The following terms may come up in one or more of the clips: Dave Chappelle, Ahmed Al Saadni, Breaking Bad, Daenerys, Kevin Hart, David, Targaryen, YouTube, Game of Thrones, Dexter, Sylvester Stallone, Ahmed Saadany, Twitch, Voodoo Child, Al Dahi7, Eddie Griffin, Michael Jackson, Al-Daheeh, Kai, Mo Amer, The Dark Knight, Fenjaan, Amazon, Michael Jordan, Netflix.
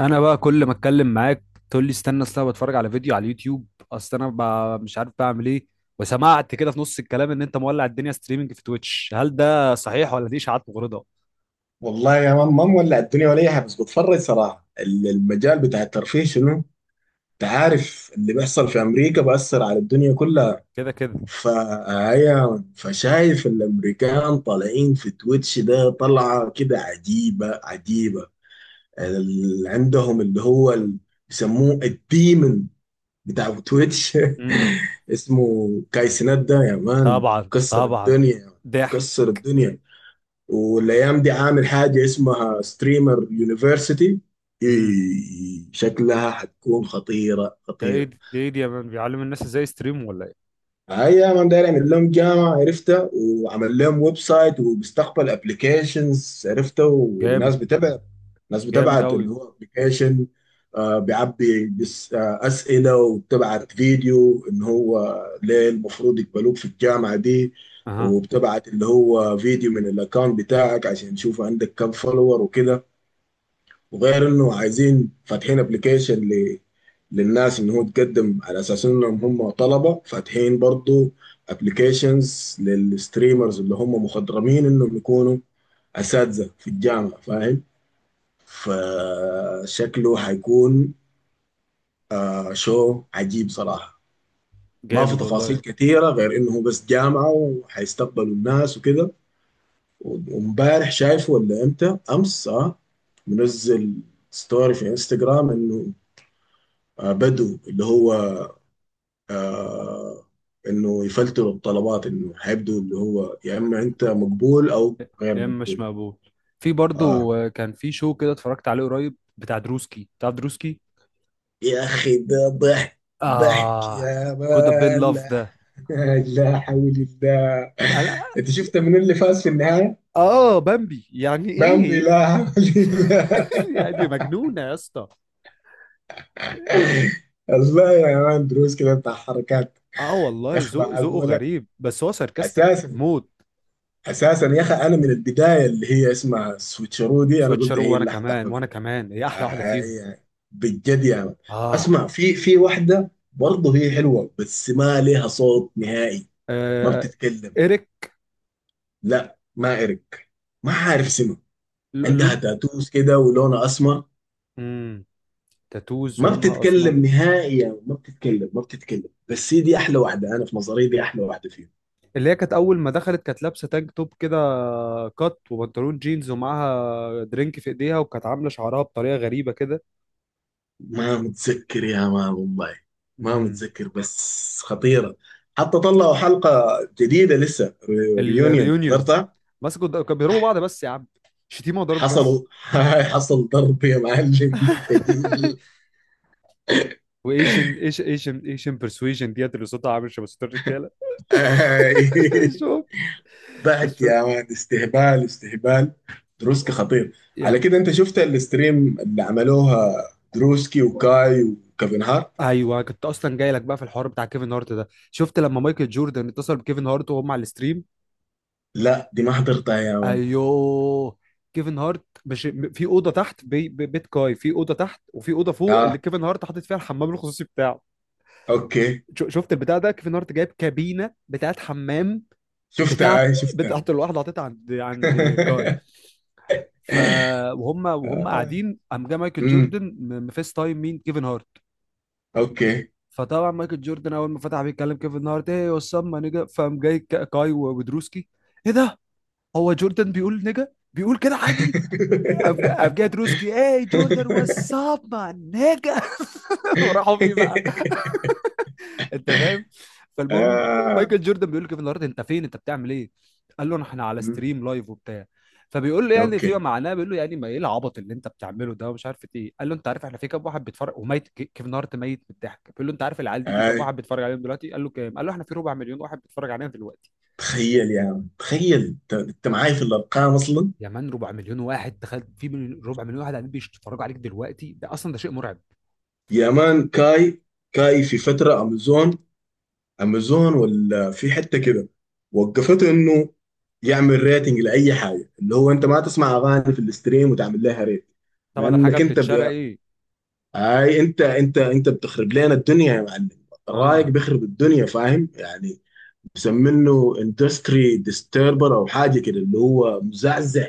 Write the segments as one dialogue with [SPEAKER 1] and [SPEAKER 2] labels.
[SPEAKER 1] انا بقى كل ما اتكلم معاك تقول لي استنى. اصل انا بتفرج على فيديو على اليوتيوب. اصل انا مش عارف بعمل ايه. وسمعت كده في نص الكلام ان انت مولع الدنيا ستريمنج في تويتش، هل ده صحيح ولا دي اشاعات مغرضه؟
[SPEAKER 2] والله يا مان ما مولع الدنيا ولا اي حاجه، بس بتفرج صراحه. المجال بتاع الترفيه شنو؟ انت عارف اللي بيحصل في امريكا بأثر على الدنيا كلها.
[SPEAKER 1] كده كده.
[SPEAKER 2] فهي فشايف الامريكان طالعين في تويتش، ده طلعه كده عجيبه عجيبه. اللي عندهم اللي هو بيسموه الديمن بتاع تويتش.
[SPEAKER 1] امم.
[SPEAKER 2] اسمه كايسنات ده يا مان،
[SPEAKER 1] طبعا
[SPEAKER 2] كسر
[SPEAKER 1] طبعا.
[SPEAKER 2] الدنيا،
[SPEAKER 1] ضحك.
[SPEAKER 2] كسر الدنيا. والايام دي عامل حاجه اسمها ستريمر يونيفرسيتي،
[SPEAKER 1] امم.
[SPEAKER 2] شكلها حتكون خطيره خطيره.
[SPEAKER 1] ده ايه دي يا مان، بيعلم الناس ازاي يستريم ولا ايه؟
[SPEAKER 2] هاي انا داير اعمل لهم جامعه، عرفتها، وعمل لهم ويب سايت وبيستقبل ابلكيشنز، عرفتها،
[SPEAKER 1] جامد.
[SPEAKER 2] والناس بتبعت. الناس
[SPEAKER 1] جامد
[SPEAKER 2] بتبعت اللي
[SPEAKER 1] قوي.
[SPEAKER 2] هو ابلكيشن، بيعبي بس اسئله، وبتبعت فيديو ان هو ليه المفروض يقبلوك في الجامعه دي.
[SPEAKER 1] اها.
[SPEAKER 2] وبتبعت اللي هو فيديو من الاكونت بتاعك عشان يشوف عندك كم فولور وكده. وغير انه عايزين فاتحين ابلكيشن للناس ان هو تقدم على اساس انهم هم طلبه، فاتحين برضو ابلكيشنز للستريمرز اللي هم مخضرمين انهم يكونوا اساتذه في الجامعه، فاهم. فشكله حيكون، شو عجيب صراحه. ما في
[SPEAKER 1] جامد
[SPEAKER 2] تفاصيل
[SPEAKER 1] والله.
[SPEAKER 2] كثيره، غير انه هو بس جامعه وحيستقبلوا الناس وكده. وامبارح شايفه، ولا امتى، امس، اه، منزل ستوري في انستغرام انه بدو اللي هو، آه، انه يفلتروا الطلبات، انه هيبدو اللي هو يا اما انت مقبول او غير
[SPEAKER 1] يا اما مش
[SPEAKER 2] مقبول.
[SPEAKER 1] مقبول. في
[SPEAKER 2] اه،
[SPEAKER 1] برضو، كان في شو كده اتفرجت عليه قريب، بتاع دروسكي بتاع دروسكي.
[SPEAKER 2] يا اخي ده ضحك، ضحك
[SPEAKER 1] اه.
[SPEAKER 2] يا
[SPEAKER 1] كود بين
[SPEAKER 2] مان،
[SPEAKER 1] لاف
[SPEAKER 2] لا.
[SPEAKER 1] ده.
[SPEAKER 2] لا حول الله.
[SPEAKER 1] انا.
[SPEAKER 2] انت شفت من اللي فاز في النهايه؟
[SPEAKER 1] اه بامبي، يعني
[SPEAKER 2] بامبي،
[SPEAKER 1] ايه.
[SPEAKER 2] لا حول الله.
[SPEAKER 1] يعني مجنونة يا اسطى.
[SPEAKER 2] الله يا مان، دروس كده بتاع حركات.
[SPEAKER 1] اه
[SPEAKER 2] يا
[SPEAKER 1] والله،
[SPEAKER 2] اخي
[SPEAKER 1] ذوقه
[SPEAKER 2] معقوله.
[SPEAKER 1] غريب، بس هو ساركاستيك
[SPEAKER 2] اساسا،
[SPEAKER 1] موت.
[SPEAKER 2] اساسا يا اخي، انا من البدايه اللي هي اسمها سويتشرو دي انا قلت
[SPEAKER 1] سويتشارو،
[SPEAKER 2] هي
[SPEAKER 1] وانا
[SPEAKER 2] اللي
[SPEAKER 1] كمان
[SPEAKER 2] هتاخذها.
[SPEAKER 1] وانا كمان هي احلى واحدة فيهم.
[SPEAKER 2] هي بجد يعني.
[SPEAKER 1] اه،
[SPEAKER 2] اسمع، في واحده برضه هي حلوه بس ما لها صوت نهائي، ما
[SPEAKER 1] آه.
[SPEAKER 2] بتتكلم.
[SPEAKER 1] ايريك.
[SPEAKER 2] لا، ما ارك، ما عارف اسمها.
[SPEAKER 1] اللون.
[SPEAKER 2] عندها تاتوز كده ولونها اسمر.
[SPEAKER 1] امم. تاتوز
[SPEAKER 2] ما
[SPEAKER 1] ولونها اسمر.
[SPEAKER 2] بتتكلم نهائي، يعني ما بتتكلم، ما بتتكلم، بس هي دي احلى واحده، انا في نظري دي احلى واحده فيهم.
[SPEAKER 1] اللي هي كانت اول ما دخلت كانت لابسه تانك توب كده، كات وبنطلون جينز ومعاها درينك في ايديها، وكانت عامله شعرها بطريقه غريبه كده.
[SPEAKER 2] ما متذكر يا مان والله، ما
[SPEAKER 1] امم.
[SPEAKER 2] متذكر، بس خطيرة. حتى طلعوا حلقة جديدة لسه. ريونيون
[SPEAKER 1] الريونيون.
[SPEAKER 2] حضرتها.
[SPEAKER 1] كانوا بيضربوا بعض بس يا عم، شتيمه وضرب بس.
[SPEAKER 2] حصلوا. حصل ضرب يا معلم، ثقيل.
[SPEAKER 1] وايشن ايش ايشن ايشن برسويجن ديت، اللي صوتها عامل شبه صوت الرجاله.
[SPEAKER 2] آي.
[SPEAKER 1] الشوك.
[SPEAKER 2] ضحك
[SPEAKER 1] الشوك.
[SPEAKER 2] يا مان، استهبال، استهبال. دروسكي خطير.
[SPEAKER 1] يا
[SPEAKER 2] على
[SPEAKER 1] م-
[SPEAKER 2] كده انت شفت الستريم اللي عملوها دروسكي وكاي وكيفن هارت؟
[SPEAKER 1] ايوه، كنت اصلا جاي لك بقى في الحوار بتاع كيفن هارت ده، شفت لما مايكل جوردن اتصل بكيفن هارت وهم على الستريم؟
[SPEAKER 2] لا، دي ما حضرتها يا مان.
[SPEAKER 1] ايوه. كيفن هارت مش م- في اوضه تحت، بيت كاي في اوضه تحت، وفي اوضه فوق اللي
[SPEAKER 2] اه،
[SPEAKER 1] كيفن هارت حاطط فيها الحمام الخصوصي بتاعه.
[SPEAKER 2] اوكي.
[SPEAKER 1] شفت البتاع ده، كيفن هارت جايب كابينه بتاعت حمام،
[SPEAKER 2] شفتها،
[SPEAKER 1] بتاعت
[SPEAKER 2] هاي شفتها.
[SPEAKER 1] بتاعت الواحده حاططها عند كاي. ف وهم
[SPEAKER 2] آه.
[SPEAKER 1] قاعدين، قام جه مايكل
[SPEAKER 2] امم.
[SPEAKER 1] جوردن مفيس تايم مين، كيفن هارت.
[SPEAKER 2] اوكي.
[SPEAKER 1] فطبعا مايكل جوردن اول ما فتح بيتكلم كيفن هارت، ايه وسام، ما نجا، فقام جاي كاي ودروسكي، ايه ده، هو جوردن بيقول نجا، بيقول كده عادي. قام جاي دروسكي، ايه جوردن، واتساب ما نجا، وراحوا فيه بقى. انت فاهم. فالمهم،
[SPEAKER 2] آه.
[SPEAKER 1] مايكل جوردن بيقول له كيفن هارت انت فين، انت بتعمل ايه، قال له احنا على
[SPEAKER 2] مم.
[SPEAKER 1] ستريم لايف وبتاع. فبيقول له، يعني فيما
[SPEAKER 2] اوكي.
[SPEAKER 1] معناه بيقول له، يعني ما ايه العبط اللي انت بتعمله ده ومش عارف ايه، قال له انت عارف احنا في كام واحد بيتفرج، وميت كيفن هارت ميت من الضحك، بيقول له انت عارف العيال دي في كام
[SPEAKER 2] آه.
[SPEAKER 1] واحد بيتفرج عليهم دلوقتي، قال له كام، قال له احنا في ربع مليون واحد بيتفرج علينا دلوقتي.
[SPEAKER 2] تخيل يا عم، تخيل انت معاي في الارقام اصلا.
[SPEAKER 1] يا مان ربع مليون واحد، دخلت ربع مليون واحد قاعدين بيتفرجوا عليك دلوقتي، ده اصلا ده شيء مرعب.
[SPEAKER 2] يا مان كاي، كاي في فتره امازون، امازون ولا في حته كده، وقفته انه يعمل ريتنج لاي حاجه. اللي هو انت ما تسمع اغاني في الاستريم وتعمل لها ريت.
[SPEAKER 1] طبعا الحاجه
[SPEAKER 2] لانك انت،
[SPEAKER 1] بتتشرق ايه.
[SPEAKER 2] اي انت بتخرب لنا الدنيا يا معلم. الرايق
[SPEAKER 1] اه.
[SPEAKER 2] بيخرب الدنيا، فاهم يعني. مسمينه اندستري ديستربر او حاجه كده، اللي هو مزعزع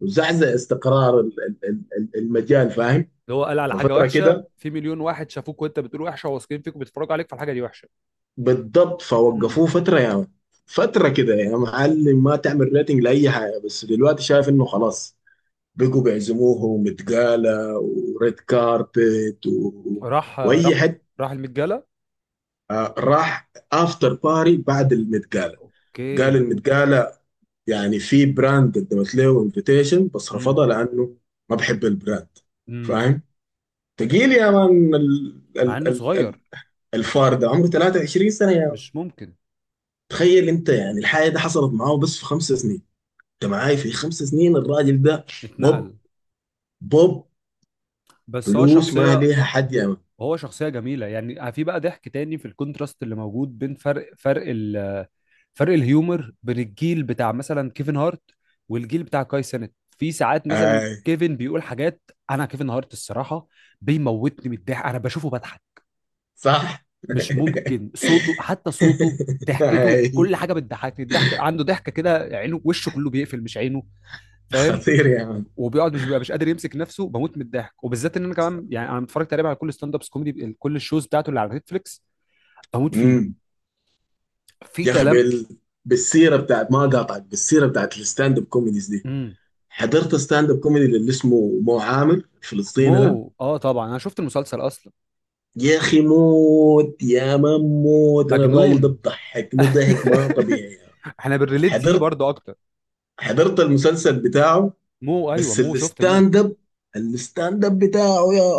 [SPEAKER 2] مزعزع استقرار المجال، فاهم.
[SPEAKER 1] اللي هو قال على حاجه
[SPEAKER 2] ففتره
[SPEAKER 1] وحشه
[SPEAKER 2] كده
[SPEAKER 1] في مليون واحد شافوك وانت بتقول وحشه، وواثقين فيك وبيتفرجوا عليك، فالحاجه دي وحشه.
[SPEAKER 2] بالضبط،
[SPEAKER 1] امم.
[SPEAKER 2] فوقفوه فتره يا يعني، فتره كده يا معلم، ما تعمل ريتنج لاي حاجه، بس دلوقتي شايف انه خلاص بقوا بيعزموه، ومتقاله، وريد كاربت
[SPEAKER 1] راح
[SPEAKER 2] واي
[SPEAKER 1] راح.
[SPEAKER 2] حته.
[SPEAKER 1] راح المتجله.
[SPEAKER 2] راح افتر باري بعد المتقالة. قال
[SPEAKER 1] اوكي.
[SPEAKER 2] المتقالة، يعني في براند قدمت له انفيتيشن بس
[SPEAKER 1] امم.
[SPEAKER 2] رفضها لانه ما بحب البراند،
[SPEAKER 1] امم.
[SPEAKER 2] فاهم. تقيل يا مان. ال
[SPEAKER 1] مع
[SPEAKER 2] ال
[SPEAKER 1] انه
[SPEAKER 2] ال
[SPEAKER 1] صغير.
[SPEAKER 2] ال الفار ده عمره 23 سنة يا مان.
[SPEAKER 1] مش ممكن.
[SPEAKER 2] تخيل انت يعني، الحاجة دي حصلت معاه بس في 5 سنين، انت معاي، في 5 سنين الراجل ده بوب،
[SPEAKER 1] اتنقل.
[SPEAKER 2] بوب،
[SPEAKER 1] بس هو
[SPEAKER 2] فلوس ما
[SPEAKER 1] شخصية.
[SPEAKER 2] ليها حد يا مان.
[SPEAKER 1] هو شخصية جميلة، يعني في بقى ضحك تاني في الكونتراست اللي موجود بين فرق الهيومر بين الجيل بتاع مثلا كيفن هارت والجيل بتاع كاي سينت. في ساعات مثلا
[SPEAKER 2] آي.
[SPEAKER 1] كيفن بيقول حاجات. انا كيفن هارت، الصراحة بيموتني من الضحك، انا بشوفه بضحك
[SPEAKER 2] صح.
[SPEAKER 1] مش ممكن. صوته، حتى صوته، ضحكته،
[SPEAKER 2] آي.
[SPEAKER 1] كل حاجه بتضحكني، الضحك عنده، ضحكه كده، عينه وشه كله بيقفل، مش عينه، فاهم.
[SPEAKER 2] خطير يا مان.
[SPEAKER 1] وبيقعد مش بيبقى مش قادر يمسك نفسه، بموت من الضحك، وبالذات ان انا كمان يعني انا متفرج تقريبا على كل ستاند ابس كوميدي، كل الشوز بتاعته اللي على نتفليكس بموت فيه.
[SPEAKER 2] مم.
[SPEAKER 1] في
[SPEAKER 2] يا اخي
[SPEAKER 1] كلام.
[SPEAKER 2] بالسيره بتاعت، ما قاطعك، بالسيره بتاعت الستاند اب كوميديز دي،
[SPEAKER 1] امم.
[SPEAKER 2] حضرت ستاند اب كوميدي اللي اسمه مو عامر الفلسطيني ده.
[SPEAKER 1] مو، اه طبعا انا شفت المسلسل اصلا.
[SPEAKER 2] يا اخي موت، يا ما موت، انا الراجل ده
[SPEAKER 1] مجنون.
[SPEAKER 2] بضحكني ضحك ما طبيعي يا.
[SPEAKER 1] احنا بنريليت ليه
[SPEAKER 2] حضرت
[SPEAKER 1] برضه اكتر.
[SPEAKER 2] حضرت المسلسل بتاعه.
[SPEAKER 1] مو ايوه،
[SPEAKER 2] بس
[SPEAKER 1] مو شفت مو.
[SPEAKER 2] الستاند اب، بتاعه يا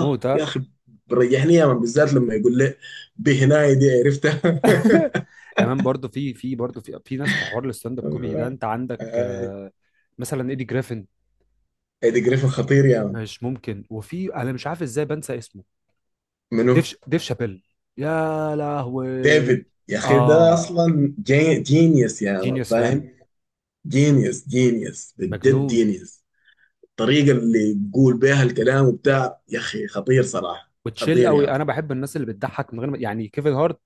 [SPEAKER 1] مو ده.
[SPEAKER 2] يا اخي، بريحني يا من، بالذات لما يقول لي بهناي دي، عرفتها.
[SPEAKER 1] يعني برضه في برضه في ناس، في حوار الستاند اب كوميدي ده انت عندك،
[SPEAKER 2] آه،
[SPEAKER 1] مثلا ايدي جريفن.
[SPEAKER 2] ايدي جريفن خطير يا من.
[SPEAKER 1] مش ممكن. وفي انا مش عارف ازاي بنسى اسمه.
[SPEAKER 2] منو.
[SPEAKER 1] ديف شابيل. يا لهوي.
[SPEAKER 2] ديفيد، يا اخي ده
[SPEAKER 1] اه.
[SPEAKER 2] اصلا جينيوس يا مان،
[SPEAKER 1] جينيوس فعلا.
[SPEAKER 2] فاهم. جينيوس، جينيوس، بجد
[SPEAKER 1] مجنون.
[SPEAKER 2] جينيوس. الطريقه اللي بيقول بيها الكلام وبتاع، يا اخي خطير صراحه.
[SPEAKER 1] وتشيل
[SPEAKER 2] خطير يا
[SPEAKER 1] قوي.
[SPEAKER 2] مان.
[SPEAKER 1] انا بحب الناس اللي بتضحك من غير ما، يعني كيفن هارت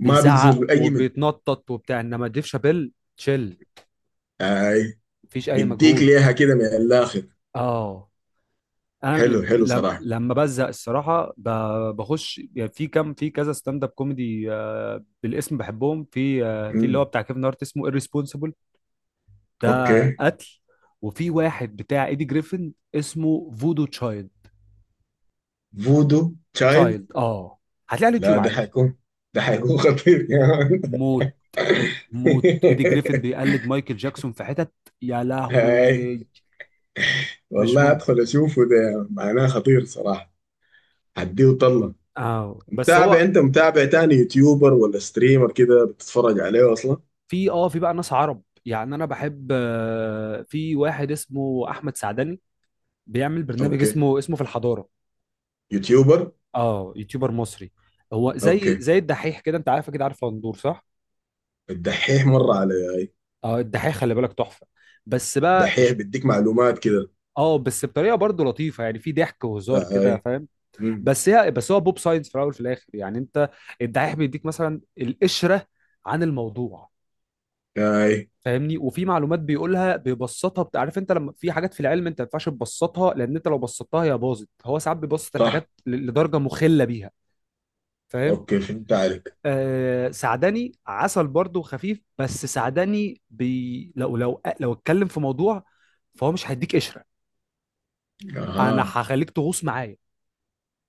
[SPEAKER 2] ما بيتزل اي من،
[SPEAKER 1] وبيتنطط وبتاع، انما ديف شابيل تشيل،
[SPEAKER 2] اي،
[SPEAKER 1] مفيش اي
[SPEAKER 2] بديك
[SPEAKER 1] مجهود.
[SPEAKER 2] ليها كده من الاخر.
[SPEAKER 1] اه. انا
[SPEAKER 2] حلو، حلو صراحه.
[SPEAKER 1] لما بزهق الصراحه بخش يعني في كم، في كذا ستاند اب كوميدي بالاسم بحبهم، في في اللي هو
[SPEAKER 2] امم.
[SPEAKER 1] بتاع كيفن هارت اسمه irresponsible، ده
[SPEAKER 2] اوكي.
[SPEAKER 1] قتل. وفي واحد بتاع ايدي جريفن اسمه فودو تشايلد،
[SPEAKER 2] فودو تشايلد.
[SPEAKER 1] تشايلد اه، هتلاقيه على اليوتيوب
[SPEAKER 2] لا،
[SPEAKER 1] عادي.
[SPEAKER 2] ده حيكون خطير يا مان.
[SPEAKER 1] موت موت. ايدي جريفن بيقلد مايكل جاكسون في حتت. يا
[SPEAKER 2] هاي،
[SPEAKER 1] لهوي. مش
[SPEAKER 2] والله
[SPEAKER 1] ممكن.
[SPEAKER 2] ادخل اشوفه، ده معناه خطير صراحه، هديه طله.
[SPEAKER 1] اه بس
[SPEAKER 2] متابع
[SPEAKER 1] هو.
[SPEAKER 2] انت، متابع تاني يوتيوبر ولا ستريمر كده بتتفرج عليه اصلا؟
[SPEAKER 1] في بقى ناس عرب، يعني انا بحب، في واحد اسمه احمد سعدني، بيعمل برنامج
[SPEAKER 2] اوكي.
[SPEAKER 1] اسمه في الحضاره.
[SPEAKER 2] يوتيوبر.
[SPEAKER 1] اه، يوتيوبر مصري. هو زي
[SPEAKER 2] اوكي.
[SPEAKER 1] زي الدحيح كده، انت عارف، اكيد عارف غندور صح.
[SPEAKER 2] الدحيح، مره علي، اي.
[SPEAKER 1] اه، الدحيح خلي بالك تحفه. بس بقى
[SPEAKER 2] الدحيح
[SPEAKER 1] إش-
[SPEAKER 2] بيديك معلومات كده.
[SPEAKER 1] اه بس بطريقه برضه لطيفه، يعني في ضحك وهزار كده،
[SPEAKER 2] اي.
[SPEAKER 1] فاهم.
[SPEAKER 2] مم.
[SPEAKER 1] بس هو بوب ساينس في الاول وفي الاخر، يعني انت، الدحيح بيديك مثلا القشره عن الموضوع،
[SPEAKER 2] اي.
[SPEAKER 1] فاهمني، وفي معلومات بيقولها بيبسطها، عارف انت لما في حاجات في العلم انت ما ينفعش تبسطها، لان انت لو بسطتها هي باظت، هو ساعات بيبسط
[SPEAKER 2] صح.
[SPEAKER 1] الحاجات لدرجه مخله بيها. فاهم.
[SPEAKER 2] اوكي، فهمت عليك.
[SPEAKER 1] آه سعدني عسل برضه خفيف، بس سعدني بي، لو اتكلم في موضوع فهو مش هيديك قشره، انا
[SPEAKER 2] اها.
[SPEAKER 1] هخليك تغوص معايا.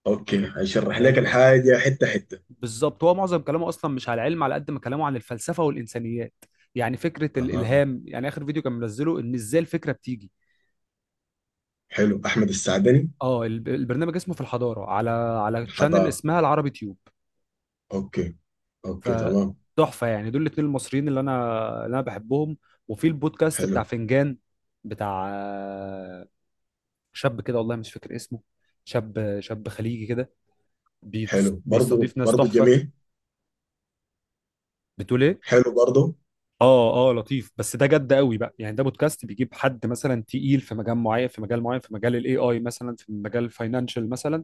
[SPEAKER 2] اوكي، هشرح لك
[SPEAKER 1] فاهم.
[SPEAKER 2] الحاجه حته حته.
[SPEAKER 1] بالظبط، هو معظم كلامه اصلا مش على العلم على قد ما كلامه عن الفلسفه والانسانيات، يعني فكره
[SPEAKER 2] اها.
[SPEAKER 1] الالهام، يعني اخر فيديو كان منزله ان ازاي الفكره بتيجي.
[SPEAKER 2] حلو احمد السعدني.
[SPEAKER 1] اه، البرنامج اسمه في الحضاره، على تشانل
[SPEAKER 2] الحضاره.
[SPEAKER 1] اسمها العربي تيوب.
[SPEAKER 2] اوكي، اوكي تمام.
[SPEAKER 1] فتحفه يعني، دول الاتنين المصريين اللي انا بحبهم. وفي البودكاست
[SPEAKER 2] حلو.
[SPEAKER 1] بتاع فنجان، بتاع شاب كده والله مش فاكر اسمه، شاب شاب خليجي كده،
[SPEAKER 2] حلو برضو،
[SPEAKER 1] بيستضيف ناس
[SPEAKER 2] برضو
[SPEAKER 1] تحفه.
[SPEAKER 2] جميل.
[SPEAKER 1] بتقول ايه.
[SPEAKER 2] حلو برضو.
[SPEAKER 1] اه اه، لطيف بس ده جد قوي بقى، يعني ده بودكاست بيجيب حد مثلا تقيل في مجال معين، في مجال الاي اي مثلا، في مجال الفاينانشال مثلا،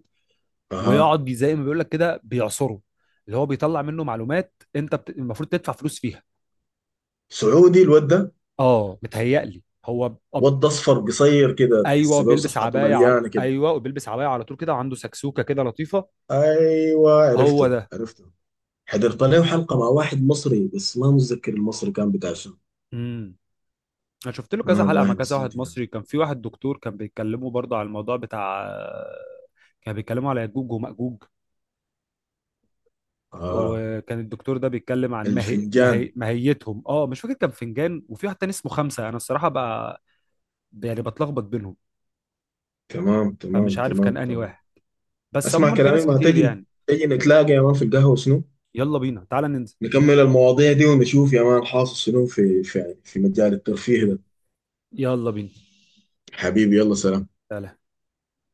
[SPEAKER 2] اها،
[SPEAKER 1] ويقعد زي ما بيقول لك كده بيعصره. اللي هو بيطلع منه معلومات انت المفروض تدفع فلوس فيها.
[SPEAKER 2] سعودي الواد ده.
[SPEAKER 1] اه متهيألي هو
[SPEAKER 2] واد اصفر قصير كده تحس بيه، وصحته مليانه كده.
[SPEAKER 1] ايوه وبيلبس عبايه على طول كده، وعنده سكسوكه كده لطيفه.
[SPEAKER 2] ايوه
[SPEAKER 1] هو
[SPEAKER 2] عرفته،
[SPEAKER 1] ده.
[SPEAKER 2] عرفته. حضرت له حلقه مع واحد مصري، بس ما متذكر المصري كان بتاع شنو.
[SPEAKER 1] امم. انا شفت له
[SPEAKER 2] ما
[SPEAKER 1] كذا حلقه
[SPEAKER 2] والله
[SPEAKER 1] مع كذا
[SPEAKER 2] نسيت
[SPEAKER 1] واحد
[SPEAKER 2] يعني.
[SPEAKER 1] مصري، كان في واحد دكتور، كان بيتكلموا برضه على الموضوع بتاع، كان بيتكلموا على ياجوج وماجوج،
[SPEAKER 2] اه
[SPEAKER 1] وكان الدكتور ده بيتكلم عن
[SPEAKER 2] الفنجان.
[SPEAKER 1] ماهيتهم. اه مش فاكر كان فنجان، وفي واحد تاني اسمه خمسه، انا الصراحه بقى يعني بتلخبط بينهم.
[SPEAKER 2] تمام تمام
[SPEAKER 1] فمش عارف
[SPEAKER 2] تمام
[SPEAKER 1] كان انهي
[SPEAKER 2] تمام.
[SPEAKER 1] واحد، بس
[SPEAKER 2] اسمع
[SPEAKER 1] عموما في
[SPEAKER 2] كلامي،
[SPEAKER 1] ناس
[SPEAKER 2] ما
[SPEAKER 1] كتير
[SPEAKER 2] تجي،
[SPEAKER 1] يعني.
[SPEAKER 2] تجي نتلاقى يا مان في القهوه شنو،
[SPEAKER 1] يلا بينا، تعالى ننزل.
[SPEAKER 2] نكمل المواضيع دي ونشوف يا مان حاصل شنو في مجال الترفيه ده.
[SPEAKER 1] يلا بينا،
[SPEAKER 2] حبيبي، يلا، سلام.
[SPEAKER 1] تعالى.